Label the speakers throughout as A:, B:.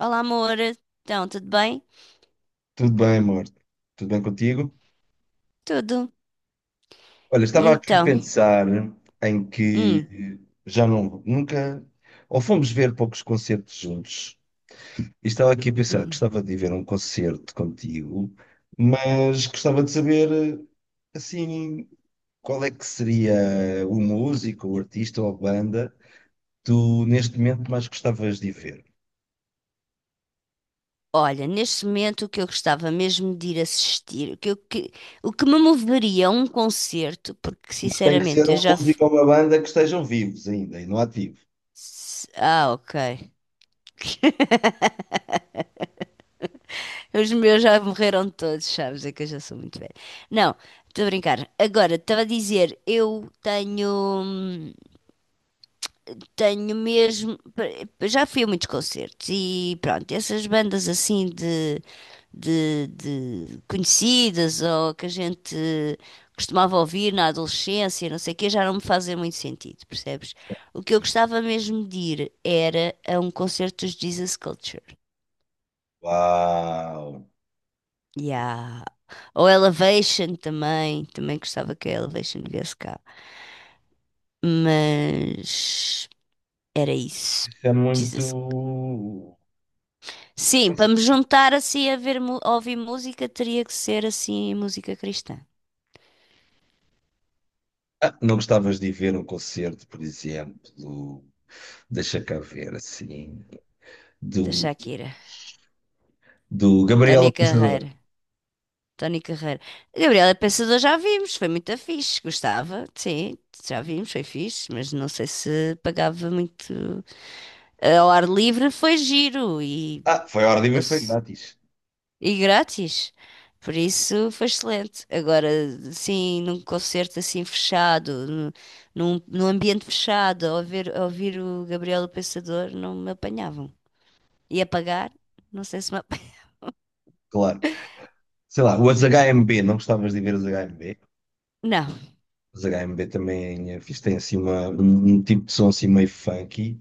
A: Olá, amor. Então, tudo bem?
B: Tudo bem, amor? Tudo bem contigo?
A: Tudo.
B: Olha,
A: E
B: estava aqui a
A: então?
B: pensar em
A: Hum,
B: que já não, nunca, ou fomos ver poucos concertos juntos. E estava aqui a pensar,
A: uhum.
B: gostava de ir ver um concerto contigo, mas gostava de saber, assim, qual é que seria o músico, o artista ou a banda que tu, neste momento, mais gostavas de ir ver.
A: Olha, neste momento o que eu gostava mesmo de ir assistir, o que, o que me moveria a um concerto, porque
B: Mas tem que ser
A: sinceramente eu
B: um
A: já.
B: músico ou uma banda que estejam vivos ainda e não ativos.
A: Ah, ok. Os meus já morreram todos, sabes? É que eu já sou muito velha. Não, estou a brincar. Agora, estava a dizer, eu tenho. hum, Tenho mesmo. Já fui a muitos concertos e pronto, essas bandas assim de conhecidas ou que a gente costumava ouvir na adolescência, não sei o quê, já não me fazem muito sentido, percebes? O que eu
B: Certo?
A: gostava mesmo de ir era a um concerto dos Jesus Culture.
B: Uau!
A: Yeah. Ou Elevation também, também gostava que a Elevation viesse cá. Mas era isso.
B: É muito.
A: Jesus Sim,
B: Não
A: para
B: sei.
A: me juntar assim a ver, a ouvir música, teria que ser assim música cristã,
B: Ah, não gostavas de ir ver um concerto, por exemplo, do. Deixa cá ver, assim.
A: da
B: Do,
A: Shakira,
B: do Gabriel o
A: Tony
B: Pensador.
A: Carreira, Tony Carreira. Gabriela Pensador já vimos, foi muito fixe, gostava, sim, já vimos, foi fixe, mas não sei se pagava muito. Ao ar livre foi giro e
B: Ah, foi a hora de ver, foi grátis.
A: E grátis. Por isso foi excelente. Agora, sim, num concerto assim fechado, num ambiente fechado, a ouvir o Gabriel o Pensador, não me apanhavam. E a pagar? Não sei se me ap...
B: Claro. Sei lá, os HMB, não gostavas de ver os HMB?
A: Não.
B: Os HMB também fiz, tem assim uma, um tipo de som assim meio funky,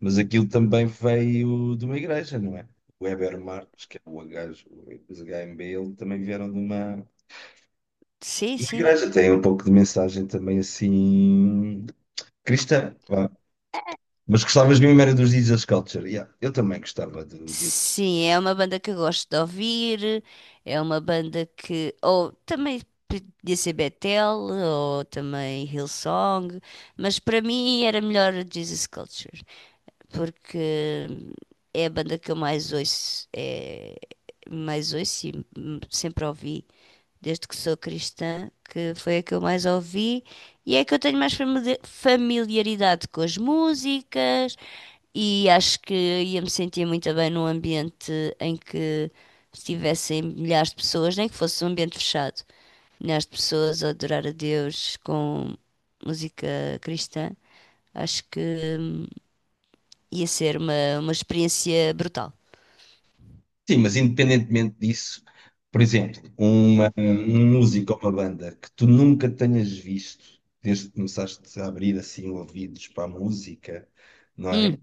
B: mas aquilo também veio de uma igreja, não é? O Heber Marques, que é o gajo, os HMB, ele também vieram de uma.
A: Sim,
B: Uma
A: sim.
B: igreja tem um pouco de mensagem também assim cristã, vá. Mas gostavas mesmo era dos Jesus Culture. Yeah, eu também gostava de-
A: Sim, é uma banda que eu gosto de ouvir, é uma banda que. Ou também podia ser Betel, ou também Hillsong, mas para mim era melhor Jesus Culture. Porque é a banda que eu mais ouço, mais ouço e sempre ouvi desde que sou cristã, que foi a que eu mais ouvi e é a que eu tenho mais familiaridade com as músicas e acho que ia me sentir muito bem num ambiente em que estivessem milhares de pessoas, nem que fosse um ambiente fechado, milhares de pessoas a adorar a Deus com música cristã. Acho que hum, ia ser uma experiência brutal.
B: Sim, mas independentemente disso, por exemplo, uma, um músico ou uma banda que tu nunca tenhas visto desde que começaste a abrir assim ouvidos para a música, não é?
A: Hum,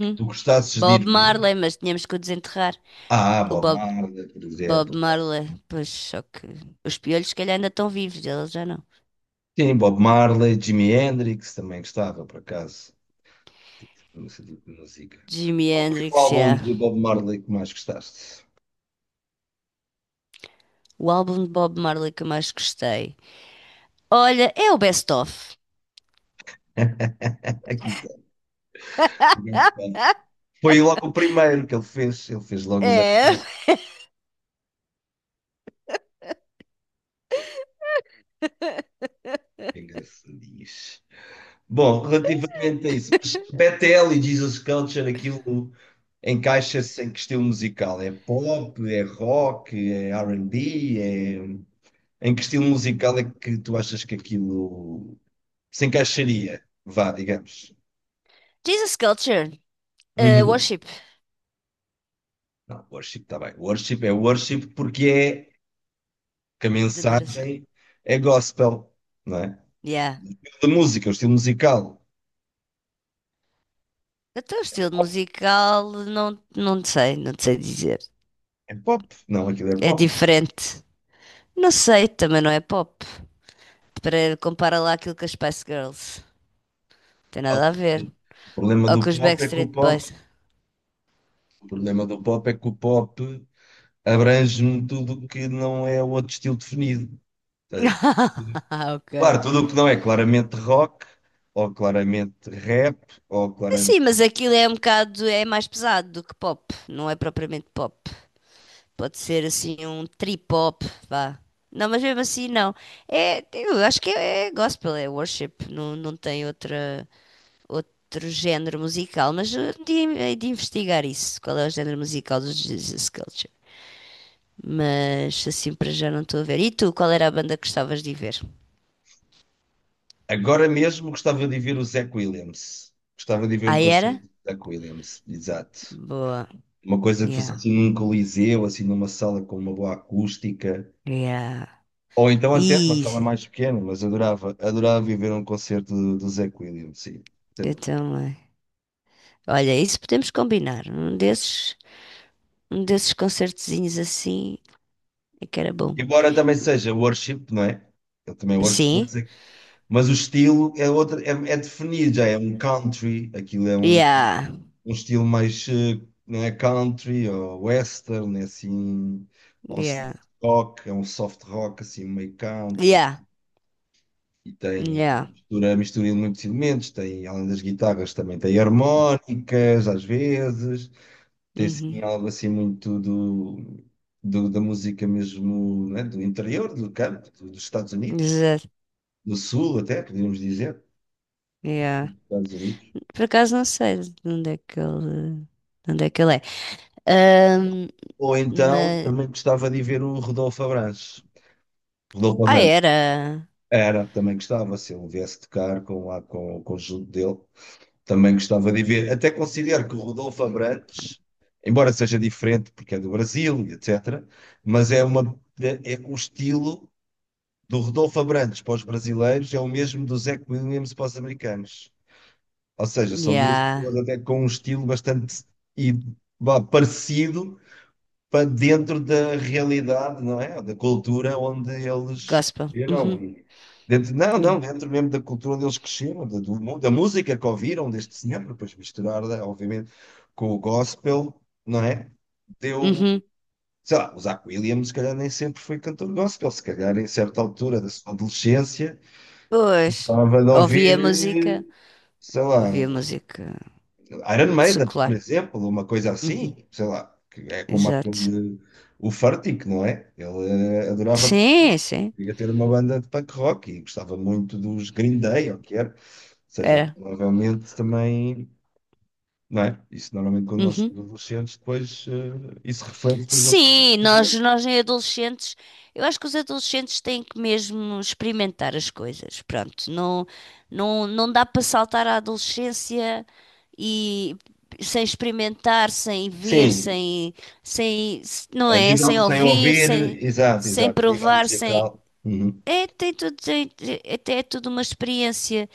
B: Que tu gostasses de ir
A: Bob
B: ver.
A: Marley, mas tínhamos que o desenterrar.
B: Ah,
A: O
B: Bob
A: Bob,
B: Marley, por
A: Bob
B: exemplo.
A: Marley, pois só que os piolhos se calhar ainda estão vivos, eles já não.
B: Sim, Bob Marley, Jimi Hendrix também gostava, por acaso. Nesse tipo de música.
A: Jimi
B: Qual foi o
A: Hendrix,
B: álbum
A: yeah.
B: de Bob Marley que mais gostaste?
A: O álbum de Bob Marley que eu mais gostei. Olha, é o Best Of.
B: Aqui, está. Foi logo o primeiro que ele fez. Ele fez logo o Bad
A: É.
B: Cop. Engraçadinhos. Bom, relativamente a isso, mas Bethel e Jesus Culture, aquilo encaixa-se em que estilo musical? É pop, é rock, é R&B? É... Em que estilo musical é que tu achas que aquilo se encaixaria? Vá, digamos.
A: Jesus Culture.
B: Uhum.
A: Worship.
B: Não, worship está bem. Worship é worship porque é que a
A: De adoração.
B: mensagem é gospel, não é?
A: Yeah.
B: De música, o estilo musical.
A: Até o estilo
B: Pop.
A: musical, não, não sei, não sei dizer.
B: É pop, não, aquilo é
A: É
B: pop.
A: diferente. Não sei, também não é pop. Para compara lá aquilo com as Spice Girls. Tem nada a ver.
B: O problema
A: Ou
B: do
A: com os
B: pop é que o
A: Backstreet
B: pop,
A: Boys.
B: o problema do pop é que o pop abrange tudo o que não é outro estilo definido. Ou seja, tudo-
A: Ah, ok.
B: claro, tudo o que não é claramente rock, ou claramente rap, ou
A: Sim,
B: claramente.
A: mas aquilo é um bocado, é mais pesado do que pop, não é propriamente pop. Pode ser assim um trip-hop, vá. Não, mas mesmo assim não. É, eu acho que é, gospel, é worship, não tem outra, outro género musical, mas hei de investigar isso, qual é o género musical dos Jesus Culture. Mas assim para já não estou a ver. E tu, qual era a banda que gostavas de ir ver?
B: Agora mesmo gostava de ver o Zach Williams. Gostava de ver
A: Ah,
B: um concerto
A: era?
B: do Zach Williams, exato.
A: Boa.
B: Uma coisa que fosse
A: Yeah.
B: assim num coliseu, assim numa sala com uma boa acústica,
A: Yeah.
B: ou então até uma sala
A: Isso,
B: mais pequena, mas adorava, adorava ir ver um concerto do, do Zé Williams, sim, sem
A: eu
B: dúvida.
A: também. Olha, isso podemos combinar. Um desses concertezinhos assim é que era bom.
B: Embora também seja worship, não é? Eu também é worship,
A: Sim?
B: mas, é- mas o estilo é, outro, é, é definido, já é um country, aquilo é um,
A: Yeah.
B: um estilo mais, não é country, ou western, é assim, ou
A: Yeah.
B: soft rock, é um soft rock, assim, meio country.
A: Yeah.
B: E tem
A: Yeah.
B: mistura, mistura de muitos elementos, tem, além das guitarras, também tem harmónicas, às vezes, tem assim,
A: Uhum.
B: algo assim muito do, do- da música mesmo, né, do interior, do campo, do- dos Estados Unidos,
A: Exato.
B: do Sul até, podíamos dizer,
A: Yeah.
B: Estados Unidos.
A: Por acaso não sei de onde é que ele, de onde é que ele é. Ahm,
B: Ou então,
A: mas...
B: também gostava de ver o Rodolfo Abrantes. Rodolfo
A: Ah,
B: Abrantes.
A: era.
B: Era, também gostava, se ele viesse tocar com, lá, com o conjunto dele. Também gostava de ver. Até considero que o Rodolfo Abrantes, embora seja diferente porque é do Brasil, e etc., mas é uma, é o estilo do Rodolfo Abrantes para os brasileiros é o mesmo do Zach Williams para os americanos. Ou seja, são duas pessoas
A: Yeah.
B: até com um estilo bastante e, vá, parecido, para dentro da realidade, não é? Da cultura onde eles
A: Gospel.
B: cresceram.
A: Uhum.
B: E dentro, não,
A: Yeah.
B: não, dentro mesmo da cultura onde eles cresceram, da, do mu- da música que ouviram deste senhor, depois misturar, né, obviamente, com o gospel, não é? Deu.
A: Uhum.
B: Sei lá, o Zach Williams, se calhar, nem sempre foi cantor gospel, se calhar, em certa altura da sua adolescência,
A: Pois,
B: estava de
A: ouvia
B: ouvir,
A: música,
B: sei lá.
A: ouvia música
B: Ironmaiden, por
A: secular.
B: exemplo, uma coisa
A: Uhum.
B: assim, sei lá, que é como
A: Exato.
B: aquele, o Furtick, não é? Ele adorava punk
A: Sim,
B: rock,
A: sim,
B: queria ter uma banda de punk rock e gostava muito dos Green Day, ou o que era. Ou seja,
A: era.
B: provavelmente também, não é? Isso normalmente quando nós
A: Uhum.
B: somos adolescentes, depois isso reflete, por exemplo, assim que
A: Sim,
B: fazemos.
A: nós em adolescentes, eu acho que os adolescentes têm que mesmo experimentar as coisas. Pronto, não dá para saltar à adolescência e sem experimentar, sem ver,
B: Sim,
A: sem, não
B: a
A: é?
B: nível
A: Sem
B: de sem
A: ouvir,
B: ouvir, exato,
A: sem
B: exato, a nível
A: provar, sem.
B: musical. Uhum.
A: É, tem tudo, até é tudo uma experiência.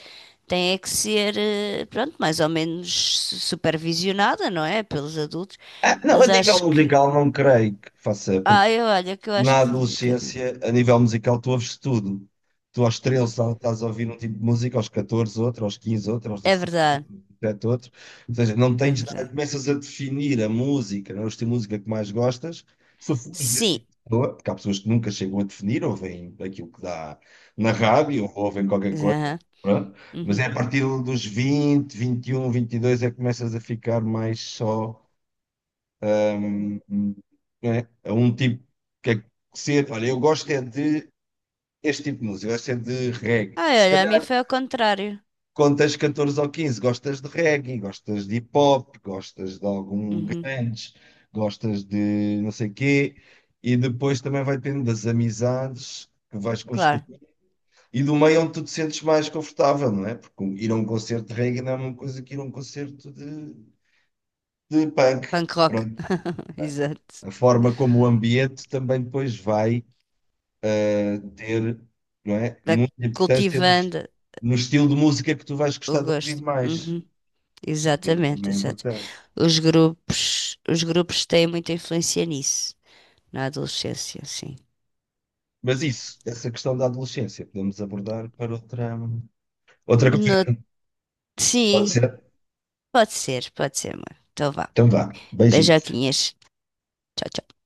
A: Tem é que ser, pronto, mais ou menos supervisionada, não é? Pelos adultos.
B: Ah, não, a
A: Mas
B: nível
A: acho que.
B: musical não creio que faça, porque
A: Ah, eu olha, que eu acho
B: na
A: que um bocadinho.
B: adolescência, a nível musical, tu ouves tudo. Tu aos 13 estás a ouvir um tipo de música, aos 14 outro, aos 15 outro, aos
A: É
B: 16 outro,
A: verdade,
B: aos 17 outro. Ou seja, não
A: é
B: tens, nada,
A: verdade.
B: começas a definir a música, não é? O estilo de música que mais gostas. Se fores de
A: Sim.
B: pessoa, porque há pessoas que nunca chegam a definir, ouvem aquilo que dá na rádio, ou ouvem qualquer coisa.
A: Aham,
B: Pronto. Mas é a
A: uhum.
B: partir dos vinte, vinte e um, vinte e dois é que começas a ficar mais só. Hum, É, é um tipo que é que ser, olha, eu gosto é de este tipo de música, eu gosto é de reggae.
A: Ah,
B: Se
A: olha, a mim
B: calhar,
A: foi ao contrário.
B: quando tens 14 ou 15, gostas de reggae, gostas de hip hop, gostas de algum
A: Uhum,
B: grunge, gostas de não sei quê, e depois também vai depender das amizades que vais
A: claro.
B: construir e do meio onde tu te sentes mais confortável, não é? Porque um, ir a um concerto de reggae não é uma coisa que ir a um concerto de punk.
A: Punk rock.
B: Pronto.
A: Exato.
B: A forma como o ambiente também depois vai ter, não é,
A: Vai
B: muita importância no, est-
A: cultivando
B: no estilo de música que tu vais
A: o
B: gostar de ouvir
A: gosto.
B: mais.
A: Uhum,
B: O ambiente
A: exatamente,
B: também é
A: exato.
B: importante.
A: Os grupos têm muita influência nisso. Na adolescência, sim.
B: Mas isso, essa questão da adolescência, podemos abordar para outra, outra
A: No...
B: conversa. Pode
A: Sim,
B: ser?
A: pode ser, amor. Então vá.
B: Então vá, beijinho.
A: Beijoquinhas. Tchau, tchau.